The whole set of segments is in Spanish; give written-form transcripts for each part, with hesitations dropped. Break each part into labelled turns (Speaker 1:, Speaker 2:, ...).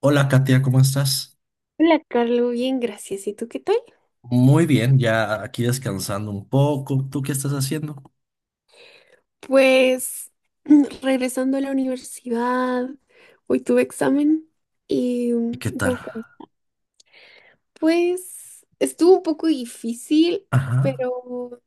Speaker 1: Hola Katia, ¿cómo estás?
Speaker 2: Hola, Carlos, bien, gracias. ¿Y tú qué tal?
Speaker 1: Muy bien, ya aquí descansando un poco. ¿Tú qué estás haciendo?
Speaker 2: Pues regresando a la universidad, hoy tuve examen y
Speaker 1: ¿Y qué
Speaker 2: un
Speaker 1: tal?
Speaker 2: poco, pues estuvo un poco difícil,
Speaker 1: Ajá.
Speaker 2: pero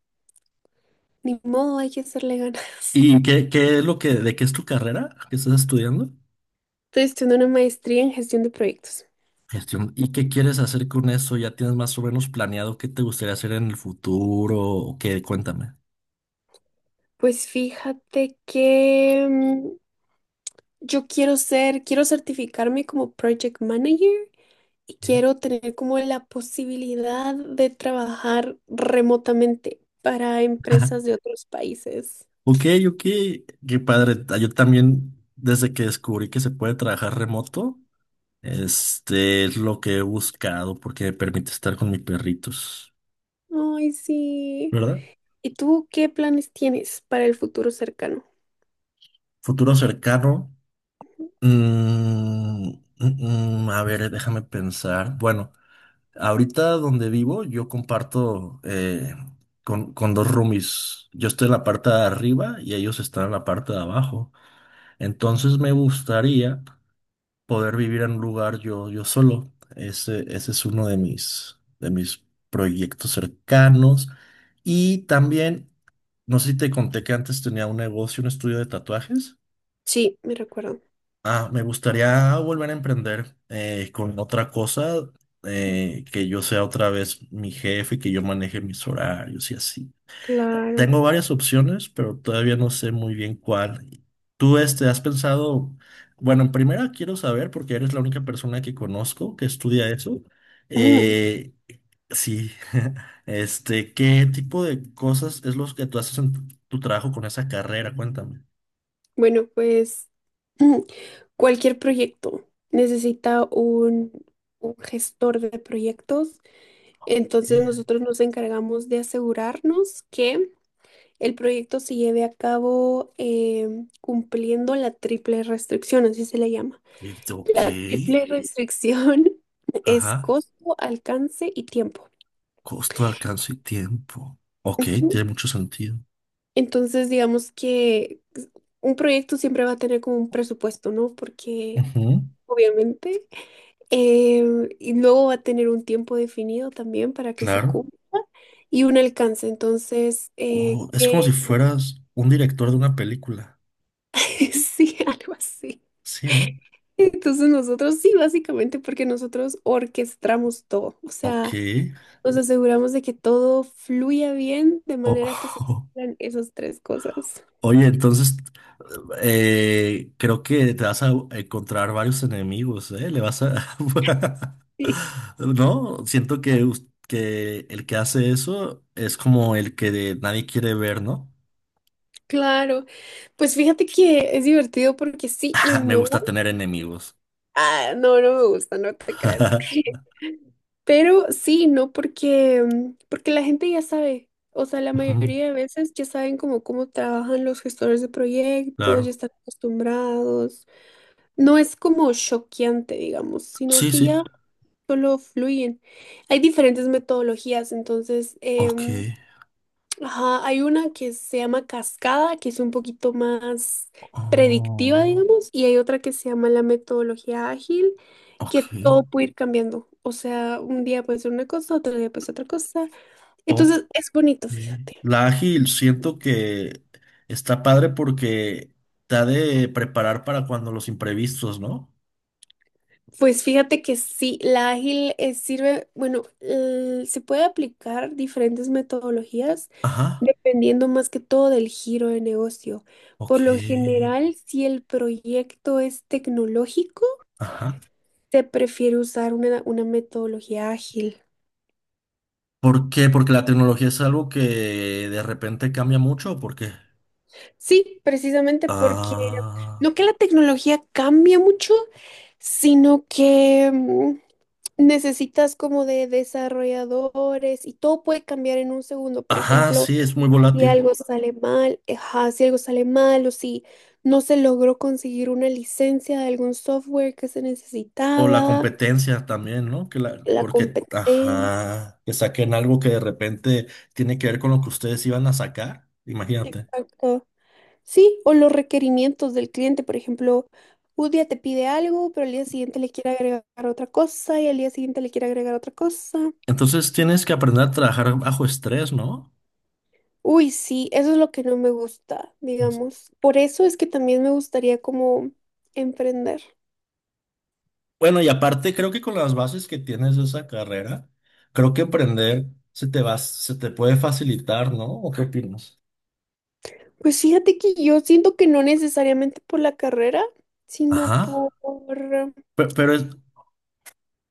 Speaker 2: ni modo, hay que hacerle ganas.
Speaker 1: ¿Y qué de qué es tu carrera que estás estudiando?
Speaker 2: Estoy estudiando una maestría en gestión de proyectos.
Speaker 1: Gestión. ¿Y qué quieres hacer con eso? ¿Ya tienes más o menos planeado qué te gustaría hacer en el futuro? ¿O qué? Cuéntame.
Speaker 2: Pues fíjate que quiero certificarme como project manager y quiero tener como la posibilidad de trabajar remotamente para
Speaker 1: Ajá.
Speaker 2: empresas de otros países.
Speaker 1: Ok, ok, qué padre. Ah, yo también, desde que descubrí que se puede trabajar remoto, es lo que he buscado porque me permite estar con mis perritos,
Speaker 2: Ay, sí.
Speaker 1: ¿verdad?
Speaker 2: ¿Y tú qué planes tienes para el futuro cercano?
Speaker 1: Futuro cercano. A ver, déjame pensar. Bueno, ahorita donde vivo, yo comparto con dos roomies. Yo estoy en la parte de arriba y ellos están en la parte de abajo. Entonces me gustaría poder vivir en un lugar yo solo. Ese es uno de mis proyectos cercanos. Y también, no sé si te conté que antes tenía un negocio, un estudio de tatuajes.
Speaker 2: Sí, me recuerdo.
Speaker 1: Ah, me gustaría volver a emprender con otra cosa, que yo sea otra vez mi jefe, que yo maneje mis horarios y así.
Speaker 2: Claro.
Speaker 1: Tengo varias opciones, pero todavía no sé muy bien cuál. ¿Tú has pensado? Bueno, en primera quiero saber, porque eres la única persona que conozco que estudia eso.
Speaker 2: Ujú.
Speaker 1: eh, sí, ¿qué tipo de cosas es lo que tú haces en tu trabajo con esa carrera? Cuéntame.
Speaker 2: Bueno, pues ujú, cualquier proyecto necesita un gestor de proyectos. Entonces
Speaker 1: Eh,
Speaker 2: nosotros nos encargamos de asegurarnos que el proyecto se lleve a cabo cumpliendo la triple restricción, así se le llama.
Speaker 1: Ok.
Speaker 2: La triple restricción es
Speaker 1: Ajá.
Speaker 2: costo, alcance y tiempo.
Speaker 1: Costo, alcance y tiempo. Ok,
Speaker 2: Ujú.
Speaker 1: tiene mucho sentido.
Speaker 2: Entonces, digamos que un proyecto siempre va a tener como un presupuesto, ¿no? Porque
Speaker 1: Ujú,
Speaker 2: obviamente, em, y luego va a tener un tiempo definido también para que se
Speaker 1: claro.
Speaker 2: cumpla y un alcance. Entonces,
Speaker 1: Oh, es como
Speaker 2: ¿qué
Speaker 1: si
Speaker 2: es?
Speaker 1: fueras un director de una película.
Speaker 2: Sí, algo así.
Speaker 1: Sí, ¿no?
Speaker 2: Entonces nosotros sí, básicamente porque nosotros orquestamos todo, o
Speaker 1: Ok.
Speaker 2: sea, nos aseguramos de que todo fluya bien de manera que se
Speaker 1: O-
Speaker 2: cumplan esas tres cosas.
Speaker 1: Oye, entonces creo que te vas a encontrar varios enemigos, ¿eh? Le vas a...
Speaker 2: Sí,
Speaker 1: No, siento que el que hace eso es como el que nadie quiere ver, ¿no?
Speaker 2: claro. Pues fíjate que es divertido porque sí y
Speaker 1: Me
Speaker 2: no.
Speaker 1: gusta tener enemigos.
Speaker 2: Ah, no, no me gusta, no te crees. Pero sí y no porque porque la gente ya sabe, o sea, la
Speaker 1: Ujú,
Speaker 2: mayoría de veces ya saben como cómo trabajan los gestores de proyectos, ya
Speaker 1: claro.
Speaker 2: están acostumbrados. No es como choqueante, digamos, sino
Speaker 1: Sí,
Speaker 2: que
Speaker 1: sí.
Speaker 2: ya solo fluyen. Hay diferentes metodologías, entonces,
Speaker 1: Ok.
Speaker 2: em, ajá, hay una que se llama cascada, que es un poquito más predictiva,
Speaker 1: Oh,
Speaker 2: digamos, y hay otra que se llama la metodología ágil,
Speaker 1: ok.
Speaker 2: que todo puede ir cambiando. O sea, un día puede ser una cosa, otro día puede ser otra cosa.
Speaker 1: Ok.
Speaker 2: Entonces, es bonito, fíjate.
Speaker 1: La ágil siento que está padre porque te ha de preparar para cuando los imprevistos, ¿no?
Speaker 2: Pues fíjate que sí, la ágil sirve, bueno, se puede aplicar diferentes metodologías
Speaker 1: Ajá.
Speaker 2: dependiendo más que todo del giro de negocio.
Speaker 1: Ok.
Speaker 2: Por lo general, si el proyecto es tecnológico,
Speaker 1: Ajá.
Speaker 2: se prefiere usar una metodología ágil.
Speaker 1: ¿Por qué? ¿Porque la tecnología es algo que de repente cambia mucho o por qué?
Speaker 2: Sí, precisamente porque
Speaker 1: Ah.
Speaker 2: no que la tecnología cambia mucho, sino que necesitas como de desarrolladores y todo puede cambiar en un segundo. Por
Speaker 1: Ajá,
Speaker 2: ejemplo,
Speaker 1: sí, es muy
Speaker 2: si
Speaker 1: volátil.
Speaker 2: algo sale mal, ajá, si algo sale mal o si no se logró conseguir una licencia de algún software que se
Speaker 1: O la
Speaker 2: necesitaba,
Speaker 1: competencia también, ¿no? Que
Speaker 2: la
Speaker 1: porque,
Speaker 2: competencia,
Speaker 1: ajá, que saquen algo que de repente tiene que ver con lo que ustedes iban a sacar, imagínate.
Speaker 2: exacto. Sí, o los requerimientos del cliente, por ejemplo, un día te pide algo, pero al día siguiente le quiere agregar otra cosa y al día siguiente le quiere agregar otra cosa.
Speaker 1: Entonces tienes que aprender a trabajar bajo estrés, ¿no?
Speaker 2: Uy, sí, eso es lo que no me gusta, digamos. Por eso es que también me gustaría como emprender.
Speaker 1: Bueno, y aparte creo que con las bases que tienes de esa carrera, creo que aprender se te puede facilitar, ¿no? ¿O qué opinas?
Speaker 2: Pues fíjate que yo siento que no necesariamente por la carrera, sino
Speaker 1: Ajá.
Speaker 2: por...
Speaker 1: Pero,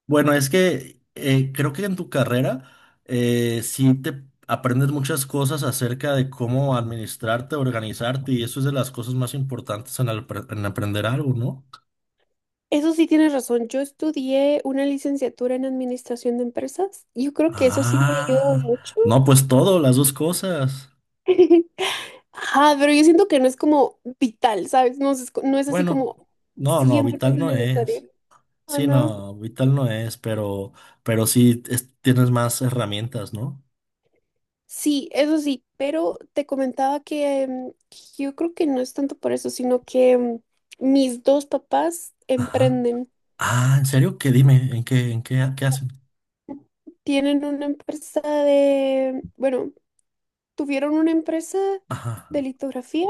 Speaker 1: bueno, es que creo que en tu carrera sí te aprendes muchas cosas acerca de cómo administrarte, organizarte, y eso es de las cosas más importantes en aprender algo, ¿no?
Speaker 2: Eso sí tienes razón, yo estudié una licenciatura en administración de empresas. Yo creo que eso sí me ayuda
Speaker 1: Ah,
Speaker 2: mucho.
Speaker 1: no, pues todo, las dos cosas.
Speaker 2: Ajá, pero yo siento que no es como vital, ¿sabes? No es así
Speaker 1: Bueno,
Speaker 2: como
Speaker 1: no, no, vital
Speaker 2: 100%
Speaker 1: no es.
Speaker 2: necesario. Ah,
Speaker 1: Sí,
Speaker 2: no.
Speaker 1: no, vital no es, pero sí tienes más herramientas, ¿no?
Speaker 2: Sí, eso sí, pero te comentaba que yo creo que no es tanto por eso, sino que mis dos papás
Speaker 1: Ajá.
Speaker 2: emprenden.
Speaker 1: Ah, ¿en serio? ¿Qué? Dime. ¿Qué hacen?
Speaker 2: Tienen una empresa de, bueno, tuvieron una empresa
Speaker 1: Ajá.
Speaker 2: de litografía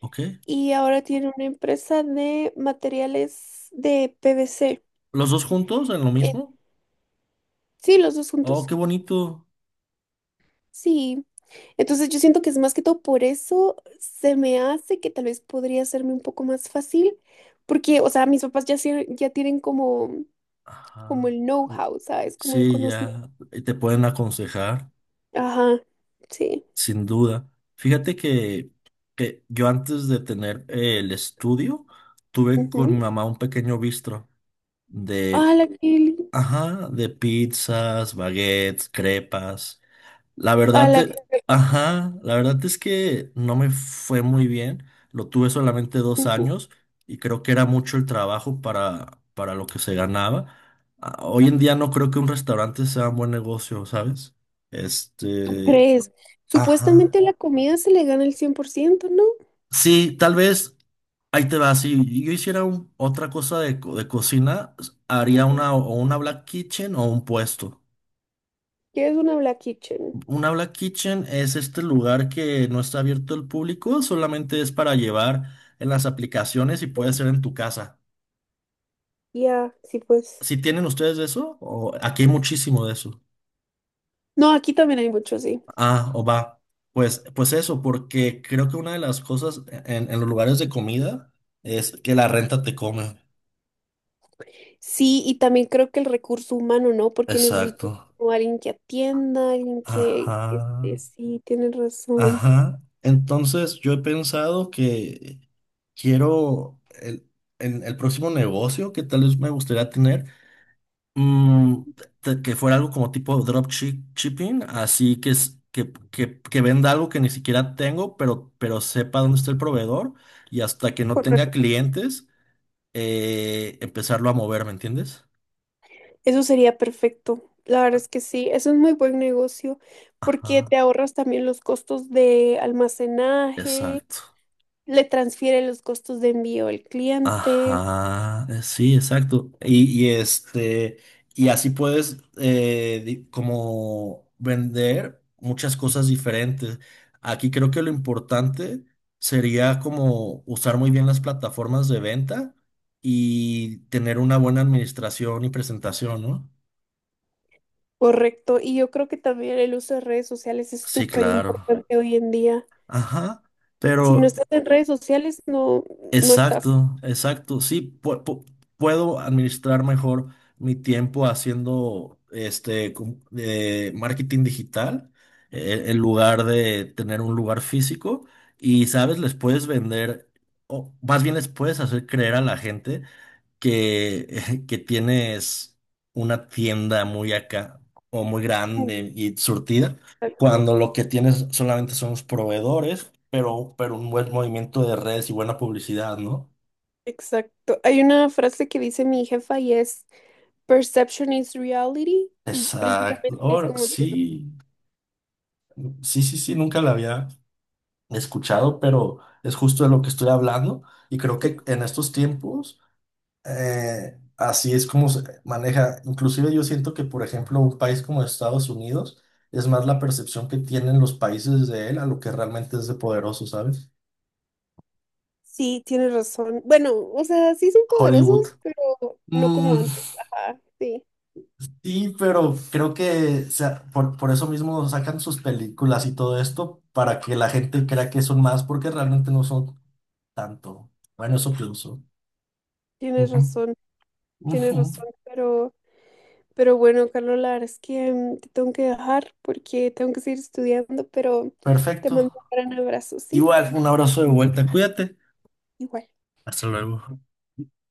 Speaker 1: Ok.
Speaker 2: y ahora tienen una empresa de materiales de PVC.
Speaker 1: ¿Los dos juntos en lo
Speaker 2: Eh,
Speaker 1: mismo?
Speaker 2: sí, los dos
Speaker 1: Oh,
Speaker 2: juntos.
Speaker 1: qué bonito.
Speaker 2: Sí. Entonces yo siento que es más que todo por eso se me hace que tal vez podría hacerme un poco más fácil, porque, o sea, mis papás ya, sie- ya tienen como, como
Speaker 1: Ajá.
Speaker 2: el know-how, ¿sabes? Como el
Speaker 1: Sí,
Speaker 2: conocimiento.
Speaker 1: ya te pueden aconsejar,
Speaker 2: Ajá, sí.
Speaker 1: sin duda. Fíjate que yo antes de tener el estudio, tuve con mi
Speaker 2: Ujú.
Speaker 1: mamá un pequeño bistro
Speaker 2: A
Speaker 1: de,
Speaker 2: la que,
Speaker 1: ajá, de pizzas, baguettes, crepas. La
Speaker 2: a
Speaker 1: verdad,
Speaker 2: la
Speaker 1: eh,
Speaker 2: que-
Speaker 1: ajá, la verdad es que no me fue muy bien. Lo tuve solamente dos
Speaker 2: ujú.
Speaker 1: años y creo que era mucho el trabajo para lo que se ganaba. Ah, hoy en día no creo que un restaurante sea un buen negocio, ¿sabes? Este,
Speaker 2: Tres.
Speaker 1: ajá.
Speaker 2: Supuestamente la comida se le gana el 100%, ¿no?
Speaker 1: Sí, tal vez ahí te va. Si yo hiciera otra cosa de cocina, haría
Speaker 2: Ujú.
Speaker 1: o una black kitchen o un puesto.
Speaker 2: ¿Qué es una Black Kitchen?
Speaker 1: Una black kitchen es este lugar que no está abierto al público, solamente es para llevar en las aplicaciones y puede ser en tu casa.
Speaker 2: Ya, sí, pues.
Speaker 1: Si tienen ustedes de eso, o aquí hay muchísimo de eso.
Speaker 2: No, aquí también hay mucho, sí.
Speaker 1: Ah, o va. Pues eso, porque creo que una de las cosas en los lugares de comida es que la renta te come.
Speaker 2: Sí, y también creo que el recurso humano, ¿no? Porque
Speaker 1: Exacto.
Speaker 2: necesito como alguien que atienda, alguien que
Speaker 1: Ajá.
Speaker 2: esté- sí, tienes razón.
Speaker 1: Ajá. Entonces yo he pensado que quiero el próximo negocio que tal vez me gustaría tener, Mm, que fuera algo como tipo shipping, así que, que venda algo que ni siquiera tengo, pero sepa dónde está el proveedor y hasta que no tenga
Speaker 2: Correcto.
Speaker 1: clientes, empezarlo a mover, ¿me entiendes?
Speaker 2: Eso sería perfecto. La verdad es que sí, eso es muy buen negocio porque
Speaker 1: Ajá,
Speaker 2: te ahorras también los costos de almacenaje,
Speaker 1: exacto.
Speaker 2: le transfiere los costos de envío al cliente.
Speaker 1: Ajá, sí, exacto. Y así puedes como vender muchas cosas diferentes. Aquí creo que lo importante sería como usar muy bien las plataformas de venta y tener una buena administración y presentación, ¿no?
Speaker 2: Correcto, y yo creo que también el uso de redes sociales es
Speaker 1: Sí,
Speaker 2: súper
Speaker 1: claro.
Speaker 2: importante hoy en día.
Speaker 1: Ajá.
Speaker 2: Si no
Speaker 1: Pero.
Speaker 2: estás en redes sociales, no, no estás.
Speaker 1: Exacto, exacto. Sí, puedo administrar mejor mi tiempo haciendo de marketing digital en lugar de tener un lugar físico. Y sabes, les puedes vender, o más bien les puedes hacer creer a la gente que, que tienes una tienda muy acá o muy grande y surtida,
Speaker 2: Exacto,
Speaker 1: cuando lo que tienes solamente son los proveedores, pero un buen movimiento de redes y buena publicidad, ¿no?
Speaker 2: exacto. Hay una frase que dice mi jefa y es Perception is reality, y
Speaker 1: Exacto.
Speaker 2: precisamente es
Speaker 1: Ahora,
Speaker 2: como tú lo
Speaker 1: sí, sí, sí, sí, nunca la había escuchado, pero es justo de lo que estoy hablando y creo que
Speaker 2: dices.
Speaker 1: en estos tiempos... así es como se maneja. Inclusive yo siento que, por ejemplo, un país como Estados Unidos es más la percepción que tienen los países de él a lo que realmente es de poderoso, ¿sabes?
Speaker 2: Sí, tienes razón. Bueno, o sea, sí son
Speaker 1: Hollywood.
Speaker 2: poderosos, pero no como
Speaker 1: Mm,
Speaker 2: antes. Ajá, sí,
Speaker 1: sí, pero creo que o sea, por eso mismo sacan sus películas y todo esto para que la gente crea que son más porque realmente no son tanto. Bueno, eso pienso.
Speaker 2: tienes
Speaker 1: Ujú,
Speaker 2: razón, tienes
Speaker 1: ujú.
Speaker 2: razón, pero... Pero bueno, Carlos, la verdad es que te tengo que dejar porque tengo que seguir estudiando, pero te mando
Speaker 1: Perfecto.
Speaker 2: un gran abrazo, ¿sí?
Speaker 1: Igual, un abrazo de vuelta. Cuídate.
Speaker 2: Igual.
Speaker 1: Hasta luego.